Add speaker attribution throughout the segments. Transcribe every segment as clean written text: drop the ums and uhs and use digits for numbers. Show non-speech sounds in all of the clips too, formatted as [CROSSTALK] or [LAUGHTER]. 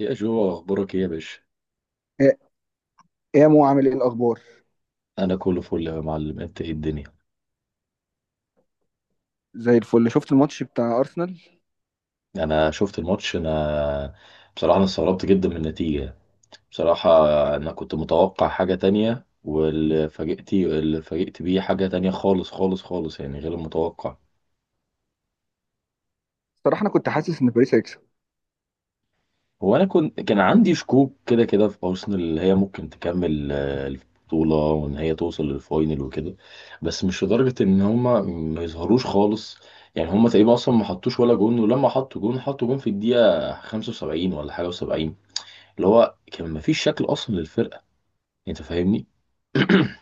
Speaker 1: يا جو، اخبارك ايه يا باشا؟
Speaker 2: إيه. إيه يا مو، عامل ايه الاخبار؟
Speaker 1: انا كله فل يا معلم، انت ايه الدنيا؟
Speaker 2: زي الفل. شفت الماتش بتاع ارسنال؟
Speaker 1: انا شفت الماتش. انا بصراحه انا استغربت جدا من النتيجه بصراحه. انا كنت متوقع حاجه تانية، واللي فاجئت بيه حاجه تانية خالص خالص خالص، يعني غير المتوقع.
Speaker 2: صراحه انا كنت حاسس ان باريس هيكسب.
Speaker 1: هو انا كان عندي شكوك كده كده في ارسنال، اللي هي ممكن تكمل البطوله وان هي توصل للفاينل وكده. بس مش لدرجه ان هما ما يظهروش خالص. يعني هما تقريبا اصلا ما حطوش ولا جون، ولما حطوا جون حطوا جون في الدقيقه 75 ولا حاجه و70. اللي هو كان ما فيش شكل اصلا للفرقه. انت فاهمني؟ [CLEARS THROAT]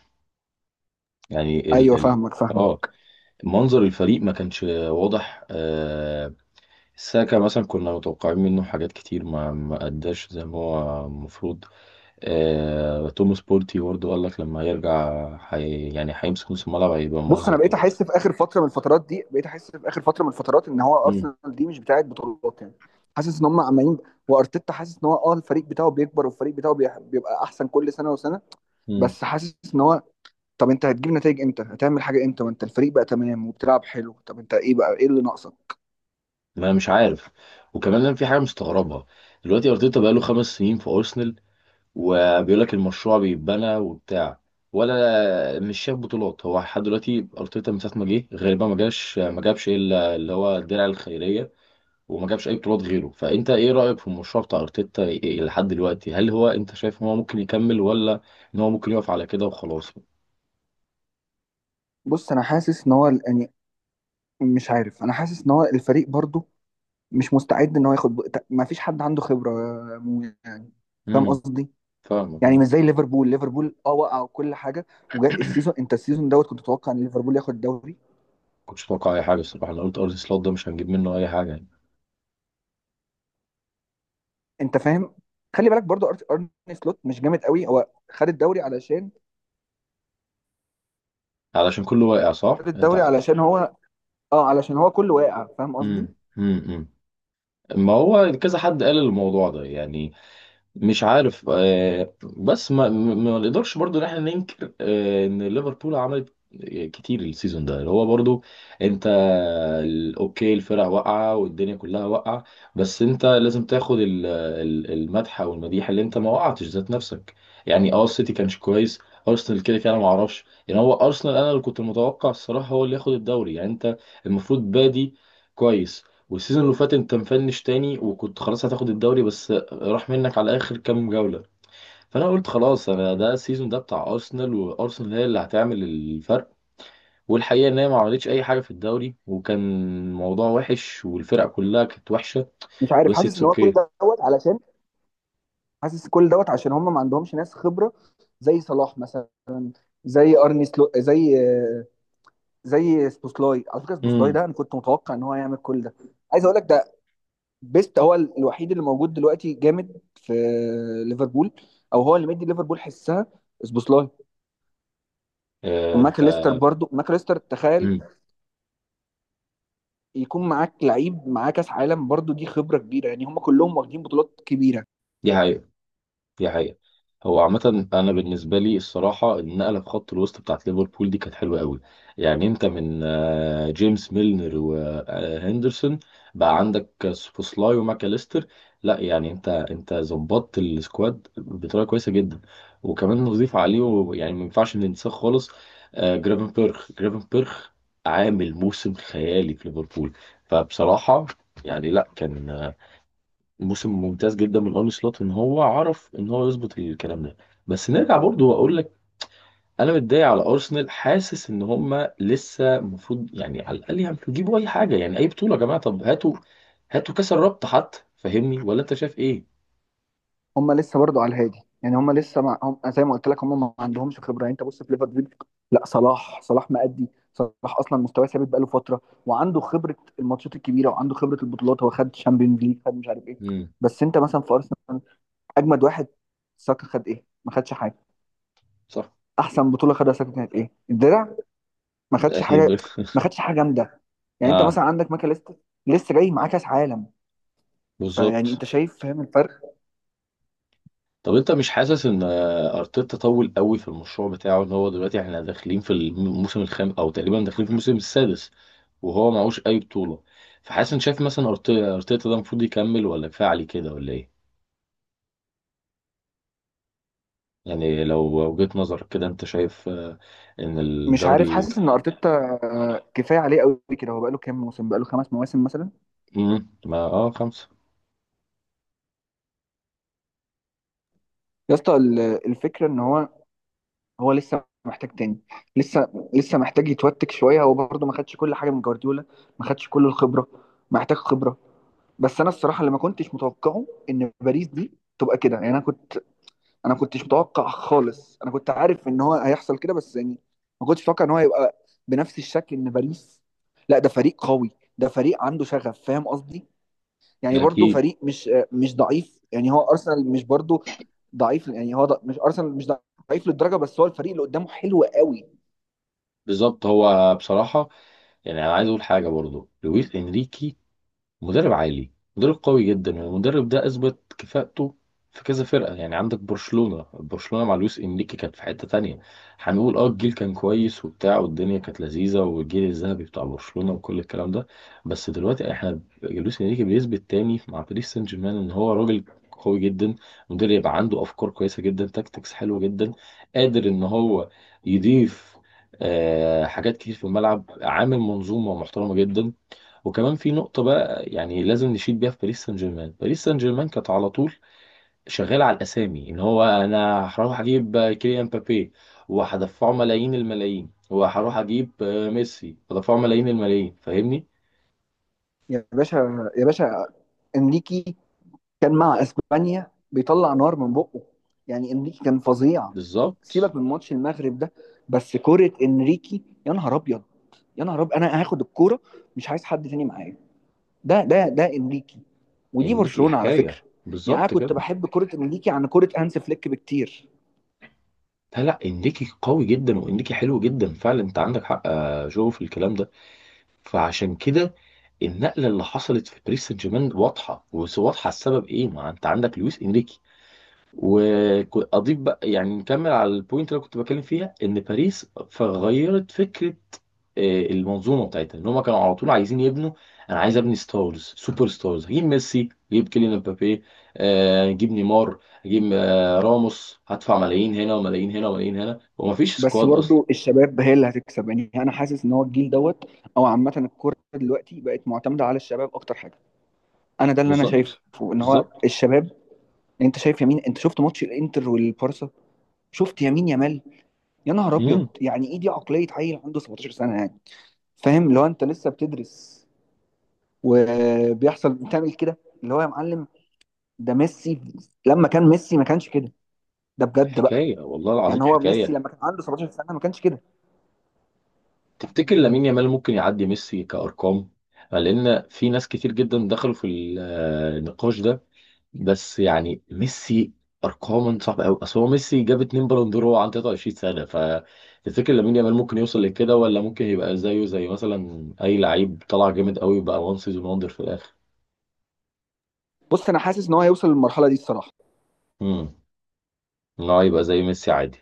Speaker 1: يعني ال
Speaker 2: ايوه،
Speaker 1: ال
Speaker 2: فاهمك
Speaker 1: اه
Speaker 2: فاهمك.
Speaker 1: منظر الفريق ما كانش واضح. ساكا مثلا كنا متوقعين منه حاجات كتير، ما اداش زي ما هو المفروض. توماس بورتي برضه قال لك لما يرجع يعني هيمسك نص الملعب هيبقى
Speaker 2: بص، انا
Speaker 1: منظر كويس.
Speaker 2: بقيت احس في اخر فتره من الفترات ان هو
Speaker 1: امم.
Speaker 2: ارسنال دي مش بتاعه بطولات يعني. حاسس ان هم عمالين، وارتيتا حاسس ان هو الفريق بتاعه بيكبر، والفريق بتاعه بيبقى احسن كل سنه وسنه.
Speaker 1: امم.
Speaker 2: بس حاسس ان هو، طب انت هتجيب نتائج امتى؟ هتعمل حاجه امتى وانت الفريق بقى تمام وبتلعب حلو؟ طب انت ايه بقى، ايه اللي ناقصك؟
Speaker 1: ما انا مش عارف. وكمان انا في حاجه مستغربها. دلوقتي ارتيتا بقاله 5 سنين في ارسنال، وبيقول لك المشروع بيتبنى وبتاع، ولا مش شاف بطولات هو لحد دلوقتي. ارتيتا من ساعه ما جه غالبا ما جاش ما جابش الا اللي هو الدرع الخيريه، وما جابش اي بطولات غيره. فانت ايه رايك في المشروع بتاع ارتيتا إيه لحد دلوقتي؟ هل هو انت شايف ان هو ممكن يكمل، ولا ان هو ممكن يقف على كده وخلاص؟
Speaker 2: بص، انا حاسس ان هو يعني مش عارف. انا حاسس ان هو الفريق برضه مش مستعد ان هو ياخد، ما فيش حد عنده خبره يا مو يعني. فاهم
Speaker 1: امم.
Speaker 2: قصدي؟
Speaker 1: فاهمك
Speaker 2: يعني
Speaker 1: اه.
Speaker 2: مش زي ليفربول. ليفربول وقع وكل حاجه، وجاء السيزون. انت السيزون دوت كنت تتوقع ان ليفربول ياخد الدوري.
Speaker 1: كنتش اتوقع اي حاجه الصراحه، انا قلت ارضي سلوت ده مش هنجيب منه اي حاجه يعني.
Speaker 2: انت فاهم. خلي بالك برضو، ارني سلوت مش جامد قوي. هو خد الدوري علشان،
Speaker 1: علشان كله واقع، صح
Speaker 2: خد الدوري
Speaker 1: انت؟
Speaker 2: علشان هو اه علشان هو كله واقع. فاهم
Speaker 1: امم.
Speaker 2: قصدي؟
Speaker 1: امم. ما هو كذا حد قال الموضوع ده يعني. مش عارف. بس ما نقدرش برضو ان احنا ننكر ان ليفربول عملت كتير السيزون ده اللي هو برضو. انت اوكي، الفرق واقعه والدنيا كلها واقعه. بس انت لازم تاخد المدح او المديح اللي انت ما وقعتش ذات نفسك. يعني السيتي كانش كويس. ارسنال كده كده انا ما اعرفش يعني، هو ارسنال انا اللي كنت متوقع الصراحه هو اللي ياخد الدوري يعني انت. المفروض بادي كويس. والسيزون اللي فات انت مفنش تاني، وكنت خلاص هتاخد الدوري بس راح منك على اخر كام جوله. فانا قلت خلاص، انا ده السيزون ده بتاع ارسنال، وارسنال هي اللي هتعمل الفرق. والحقيقه ان هي ما عملتش اي حاجه في الدوري، وكان الموضوع وحش والفرق كلها كانت وحشه.
Speaker 2: مش عارف،
Speaker 1: بس
Speaker 2: حاسس
Speaker 1: اتس
Speaker 2: ان هو كل
Speaker 1: اوكي.
Speaker 2: دوت علشان، حاسس كل دوت عشان هم ما عندهمش ناس خبره. زي صلاح مثلا، زي ارني سلوت، زي سبوسلاي. على فكره سبوسلاي
Speaker 1: امم.
Speaker 2: ده انا كنت متوقع ان هو هيعمل كل ده. عايز اقول لك ده. بيست هو الوحيد اللي موجود دلوقتي جامد في ليفربول، او هو اللي مدي ليفربول حسها، سبوسلاي.
Speaker 1: آه، انت.
Speaker 2: وماكاليستر، برضو ماكاليستر تخيل
Speaker 1: امم.
Speaker 2: يكون معاك لعيب معاه كاس عالم. برضو دي خبره كبيره يعني، هم كلهم واخدين بطولات كبيره.
Speaker 1: دي حقيقة، دي حقيقة. هو عامة أنا بالنسبة لي الصراحة النقلة في خط الوسط بتاعت ليفربول دي كانت حلوة قوي. يعني أنت من جيمس ميلنر وهندرسون بقى عندك سوبوسلاي وماكاليستر. لا يعني أنت ظبطت السكواد بطريقة كويسة جدا. وكمان نضيف عليه، يعني ما ينفعش ننساه خالص، جرافن بيرخ. جرافن بيرخ عامل موسم خيالي في ليفربول. فبصراحة يعني لا، كان موسم ممتاز جدا من ارني سلوت ان هو عرف ان هو يظبط الكلام ده. بس نرجع برضو واقول لك، انا متضايق على ارسنال، حاسس ان هم لسه المفروض يعني على الاقل يعني تجيبوا اي حاجه، يعني اي بطوله يا جماعه، طب هاتوا هاتوا كاس الرابطه حتى. فاهمني؟ ولا انت شايف ايه؟
Speaker 2: هم لسه برضو على الهادي يعني، هم زي ما قلت لك هم ما عندهمش خبره يعني. انت بص في ليفربول، لا صلاح. صلاح مأدي، صلاح اصلا مستواه ثابت بقاله فتره، وعنده خبره الماتشات الكبيره، وعنده خبره البطولات. هو خد تشامبيونز ليج، خد مش عارف ايه.
Speaker 1: امم.
Speaker 2: بس انت مثلا في ارسنال، اجمد واحد ساكا خد ايه؟ ما خدش حاجه.
Speaker 1: صح.
Speaker 2: احسن بطوله خدها ساكا كانت ايه؟ الدرع. ما خدش حاجه.
Speaker 1: تقريبا.
Speaker 2: ما
Speaker 1: [LAUGHS]
Speaker 2: خدش حاجه جامده. يعني انت
Speaker 1: اه.
Speaker 2: مثلا عندك ماكا، لسه جاي معاه كاس عالم. فيعني
Speaker 1: بالظبط.
Speaker 2: انت شايف، فاهم الفرق؟
Speaker 1: طب انت مش حاسس ان ارتيتا طول قوي في المشروع بتاعه، ان هو دلوقتي احنا داخلين في الموسم الخامس او تقريبا داخلين في الموسم السادس وهو معهوش اي بطولة؟ فحاسس ان شايف مثلا ارتيتا ده المفروض يكمل ولا كفاية عليه كده ولا ايه؟ يعني لو وجهة نظرك كده انت شايف ان
Speaker 2: مش عارف،
Speaker 1: الدوري...
Speaker 2: حاسس ان ارتيتا كفايه عليه قوي كده. هو بقاله كام موسم؟ بقاله 5 مواسم مثلا.
Speaker 1: مم، ما خمسة.
Speaker 2: يا اسطى، الفكره ان هو لسه محتاج تاني. لسه لسه محتاج يتوتك شويه. هو برضه ما خدش كل حاجه من جوارديولا، ما خدش كل الخبره. محتاج خبره. بس انا الصراحه اللي ما كنتش متوقعه ان باريس دي تبقى كده يعني. انا كنتش متوقع خالص. انا كنت عارف ان هو هيحصل كده بس يعني، ما كنتش متوقع ان هو يبقى بنفس الشكل. ان باريس، لا ده فريق قوي. ده فريق عنده شغف. فاهم قصدي؟ يعني برضو
Speaker 1: اكيد.
Speaker 2: فريق مش مش ضعيف يعني. هو ارسنال مش برضو ضعيف يعني. هو مش، ارسنال مش ضعيف للدرجه، بس هو الفريق اللي قدامه حلو قوي.
Speaker 1: بالظبط. هو بصراحة يعني، انا عايز اقول حاجة برضو، لويس انريكي مدرب عالي. مدرب قوي جدا، والمدرب ده اثبت كفاءته في كذا فرقه. يعني عندك برشلونه. برشلونه مع لويس انريكي كانت في حته تانية. هنقول الجيل كان كويس وبتاع والدنيا كانت لذيذه، والجيل الذهبي بتاع برشلونه وكل الكلام ده. بس دلوقتي احنا، لويس انريكي بيثبت تاني مع باريس سان جيرمان ان هو راجل قوي جدا، مدرب يبقى عنده افكار كويسه جدا، تاكتكس حلوه جدا، قادر ان هو يضيف حاجات كتير في الملعب، عامل منظومه محترمه جدا. وكمان في نقطة بقى، يعني لازم نشيد بيها في باريس سان جيرمان، باريس سان جيرمان كانت على طول شغالة على الأسامي، إن هو أنا هروح أجيب كيليان مبابي وهدفعه ملايين الملايين، وهروح أجيب ميسي هدفعه ملايين الملايين، فاهمني؟
Speaker 2: يا باشا. يا باشا، انريكي كان مع اسبانيا بيطلع نار من بقه. يعني انريكي كان فظيع.
Speaker 1: بالظبط،
Speaker 2: سيبك من ماتش المغرب ده. بس كرة انريكي، يا نهار ابيض. يا نهار ابيض، انا هاخد الكوره، مش عايز حد تاني معايا. ده انريكي. ودي
Speaker 1: إنريكي
Speaker 2: برشلونة على فكرة.
Speaker 1: حكاية،
Speaker 2: يعني انا
Speaker 1: بالظبط
Speaker 2: كنت
Speaker 1: كده.
Speaker 2: بحب كرة انريكي عن كرة هانس فليك بكتير.
Speaker 1: لا لا، إنريكي قوي جدا وإنريكي حلو جدا فعلا، أنت عندك حق يا جو في الكلام ده. فعشان كده النقلة اللي حصلت في باريس سان جيرمان واضحة، وواضحة. السبب إيه؟ ما أنت عندك لويس إنريكي. واضيف بقى يعني، نكمل على البوينت اللي أنا كنت بتكلم فيها، ان باريس فغيرت فكره المنظومه بتاعتها، ان هم كانوا على طول عايزين يبنوا. انا عايز ابني ستارز، سوبر ستارز، هجيب ميسي هجيب كيليان مبابي، هجيب نيمار، هجيب راموس، هدفع ملايين هنا وملايين هنا وملايين هنا ومفيش
Speaker 2: بس
Speaker 1: سكواد اصلا.
Speaker 2: برضو الشباب هي اللي هتكسب يعني. انا حاسس ان هو الجيل دوت، او عامه الكوره دلوقتي بقت معتمده على الشباب اكتر حاجه. انا ده اللي انا شايفه،
Speaker 1: بالظبط.
Speaker 2: ان هو
Speaker 1: بالظبط.
Speaker 2: الشباب. انت شايف يمين؟ انت شفت ماتش الانتر والبارسا؟ شفت يمين يامال؟ يا نهار ابيض!
Speaker 1: امم.
Speaker 2: يعني ايه دي، عقليه عيل عنده 17 سنه يعني. فاهم؟ لو انت لسه بتدرس وبيحصل بتعمل كده، اللي هو يا معلم، ده ميسي! لما كان ميسي ما كانش كده. ده بجد بقى.
Speaker 1: حكايه والله العظيم
Speaker 2: يعني هو ميسي
Speaker 1: حكايه.
Speaker 2: لما كان عنده 17 سنه ما كانش كده.
Speaker 1: تفتكر لامين يامال ممكن يعدي ميسي كارقام؟ لان في ناس كتير جدا دخلوا في النقاش ده. بس يعني ميسي ارقام صعبه قوي، اصل هو ميسي جاب اتنين بالون دور وهو عنده 23 سنه. فتفتكر لامين يامال ممكن يوصل لكده، ولا ممكن يبقى زيه زي مثلا اي لعيب طلع جامد قوي بقى وان سيزون وندر في الاخر؟
Speaker 2: بص انا حاسس ان هو هيوصل للمرحله دي الصراحه.
Speaker 1: امم. ان هو يبقى زي ميسي عادي.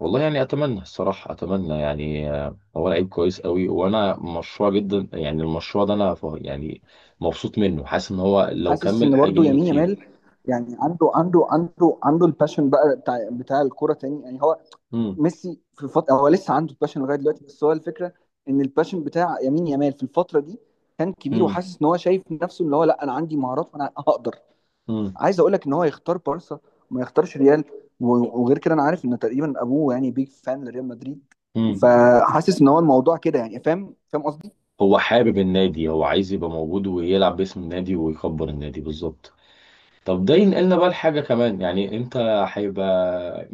Speaker 1: والله يعني اتمنى الصراحه، اتمنى يعني هو لعيب كويس قوي، وانا مشروع جدا يعني المشروع ده انا يعني مبسوط منه، حاسس ان هو لو
Speaker 2: حاسس
Speaker 1: كمل
Speaker 2: ان
Speaker 1: هيجي
Speaker 2: برضه
Speaker 1: منه
Speaker 2: يمين
Speaker 1: كتير.
Speaker 2: يامال، يعني عنده الباشن بقى بتاع الكوره تاني يعني. هو
Speaker 1: امم.
Speaker 2: ميسي في الفتره هو لسه عنده الباشن لغايه دلوقتي، بس هو الفكره ان الباشن بتاع يمين يامال في الفتره دي كان كبير.
Speaker 1: امم.
Speaker 2: وحاسس ان هو شايف نفسه اللي هو، لا انا عندي مهارات وانا هقدر. عايز اقول لك ان هو يختار بارسا وما يختارش ريال. وغير كده، انا عارف ان تقريبا ابوه يعني بيج فان لريال مدريد.
Speaker 1: امم.
Speaker 2: فحاسس ان هو الموضوع كده يعني. فاهم قصدي؟
Speaker 1: هو حابب النادي، هو عايز يبقى موجود ويلعب باسم النادي ويكبر النادي. بالظبط. طب ده ينقلنا بقى لحاجة كمان يعني، انت هيبقى،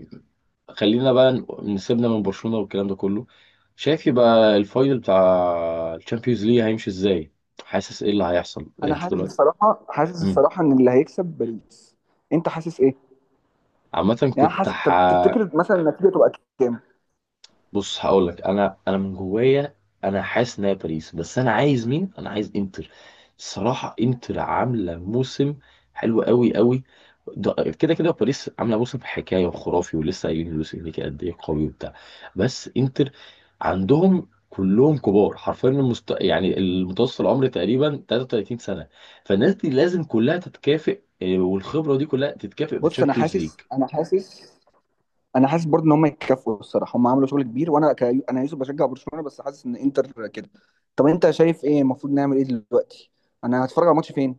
Speaker 1: خلينا بقى نسيبنا من برشلونة والكلام ده كله. شايف يبقى الفاينل بتاع الشامبيونز ليج هيمشي ازاي؟ حاسس ايه اللي هيحصل
Speaker 2: انا
Speaker 1: انت
Speaker 2: حاسس
Speaker 1: دلوقتي؟
Speaker 2: الصراحه،
Speaker 1: مم.
Speaker 2: ان اللي هيكسب باريس. انت حاسس ايه؟
Speaker 1: عامة
Speaker 2: يعني أنا
Speaker 1: كنت
Speaker 2: حاسس، طب تفتكر مثلا النتيجه تبقى كام؟
Speaker 1: بص هقول لك، انا من جوايا. انا حاسس ان هي باريس، بس انا عايز مين؟ انا عايز انتر. الصراحه انتر عامله موسم حلو قوي قوي. كده كده باريس عامله موسم حكايه وخرافي، ولسه قايلين لويس انريكي قد ايه قوي وبتاع، بس انتر عندهم كلهم كبار حرفيا، يعني المتوسط العمر تقريبا 33 سنه. فالناس دي لازم كلها تتكافئ، والخبره دي كلها تتكافئ
Speaker 2: بص،
Speaker 1: بالتشامبيونز ليج.
Speaker 2: انا حاسس برضه ان هم يتكافئوا الصراحه. هم عملوا شغل كبير، وانا ك... انا يوسف بشجع برشلونه، بس حاسس ان انتر كده. طب انت شايف ايه المفروض نعمل ايه دلوقتي؟ انا هتفرج على الماتش فين؟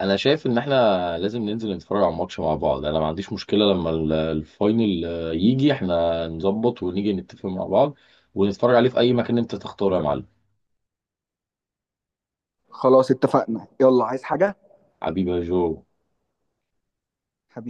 Speaker 1: انا شايف ان احنا لازم ننزل نتفرج على الماتش مع بعض، انا ما عنديش مشكله. لما الفاينل يجي احنا نظبط ونيجي نتفق مع بعض ونتفرج عليه في اي مكان انت تختاره يا معلم.
Speaker 2: خلاص اتفقنا، يلا. عايز حاجه؟
Speaker 1: حبيبي يا جو.
Speaker 2: حبيبي.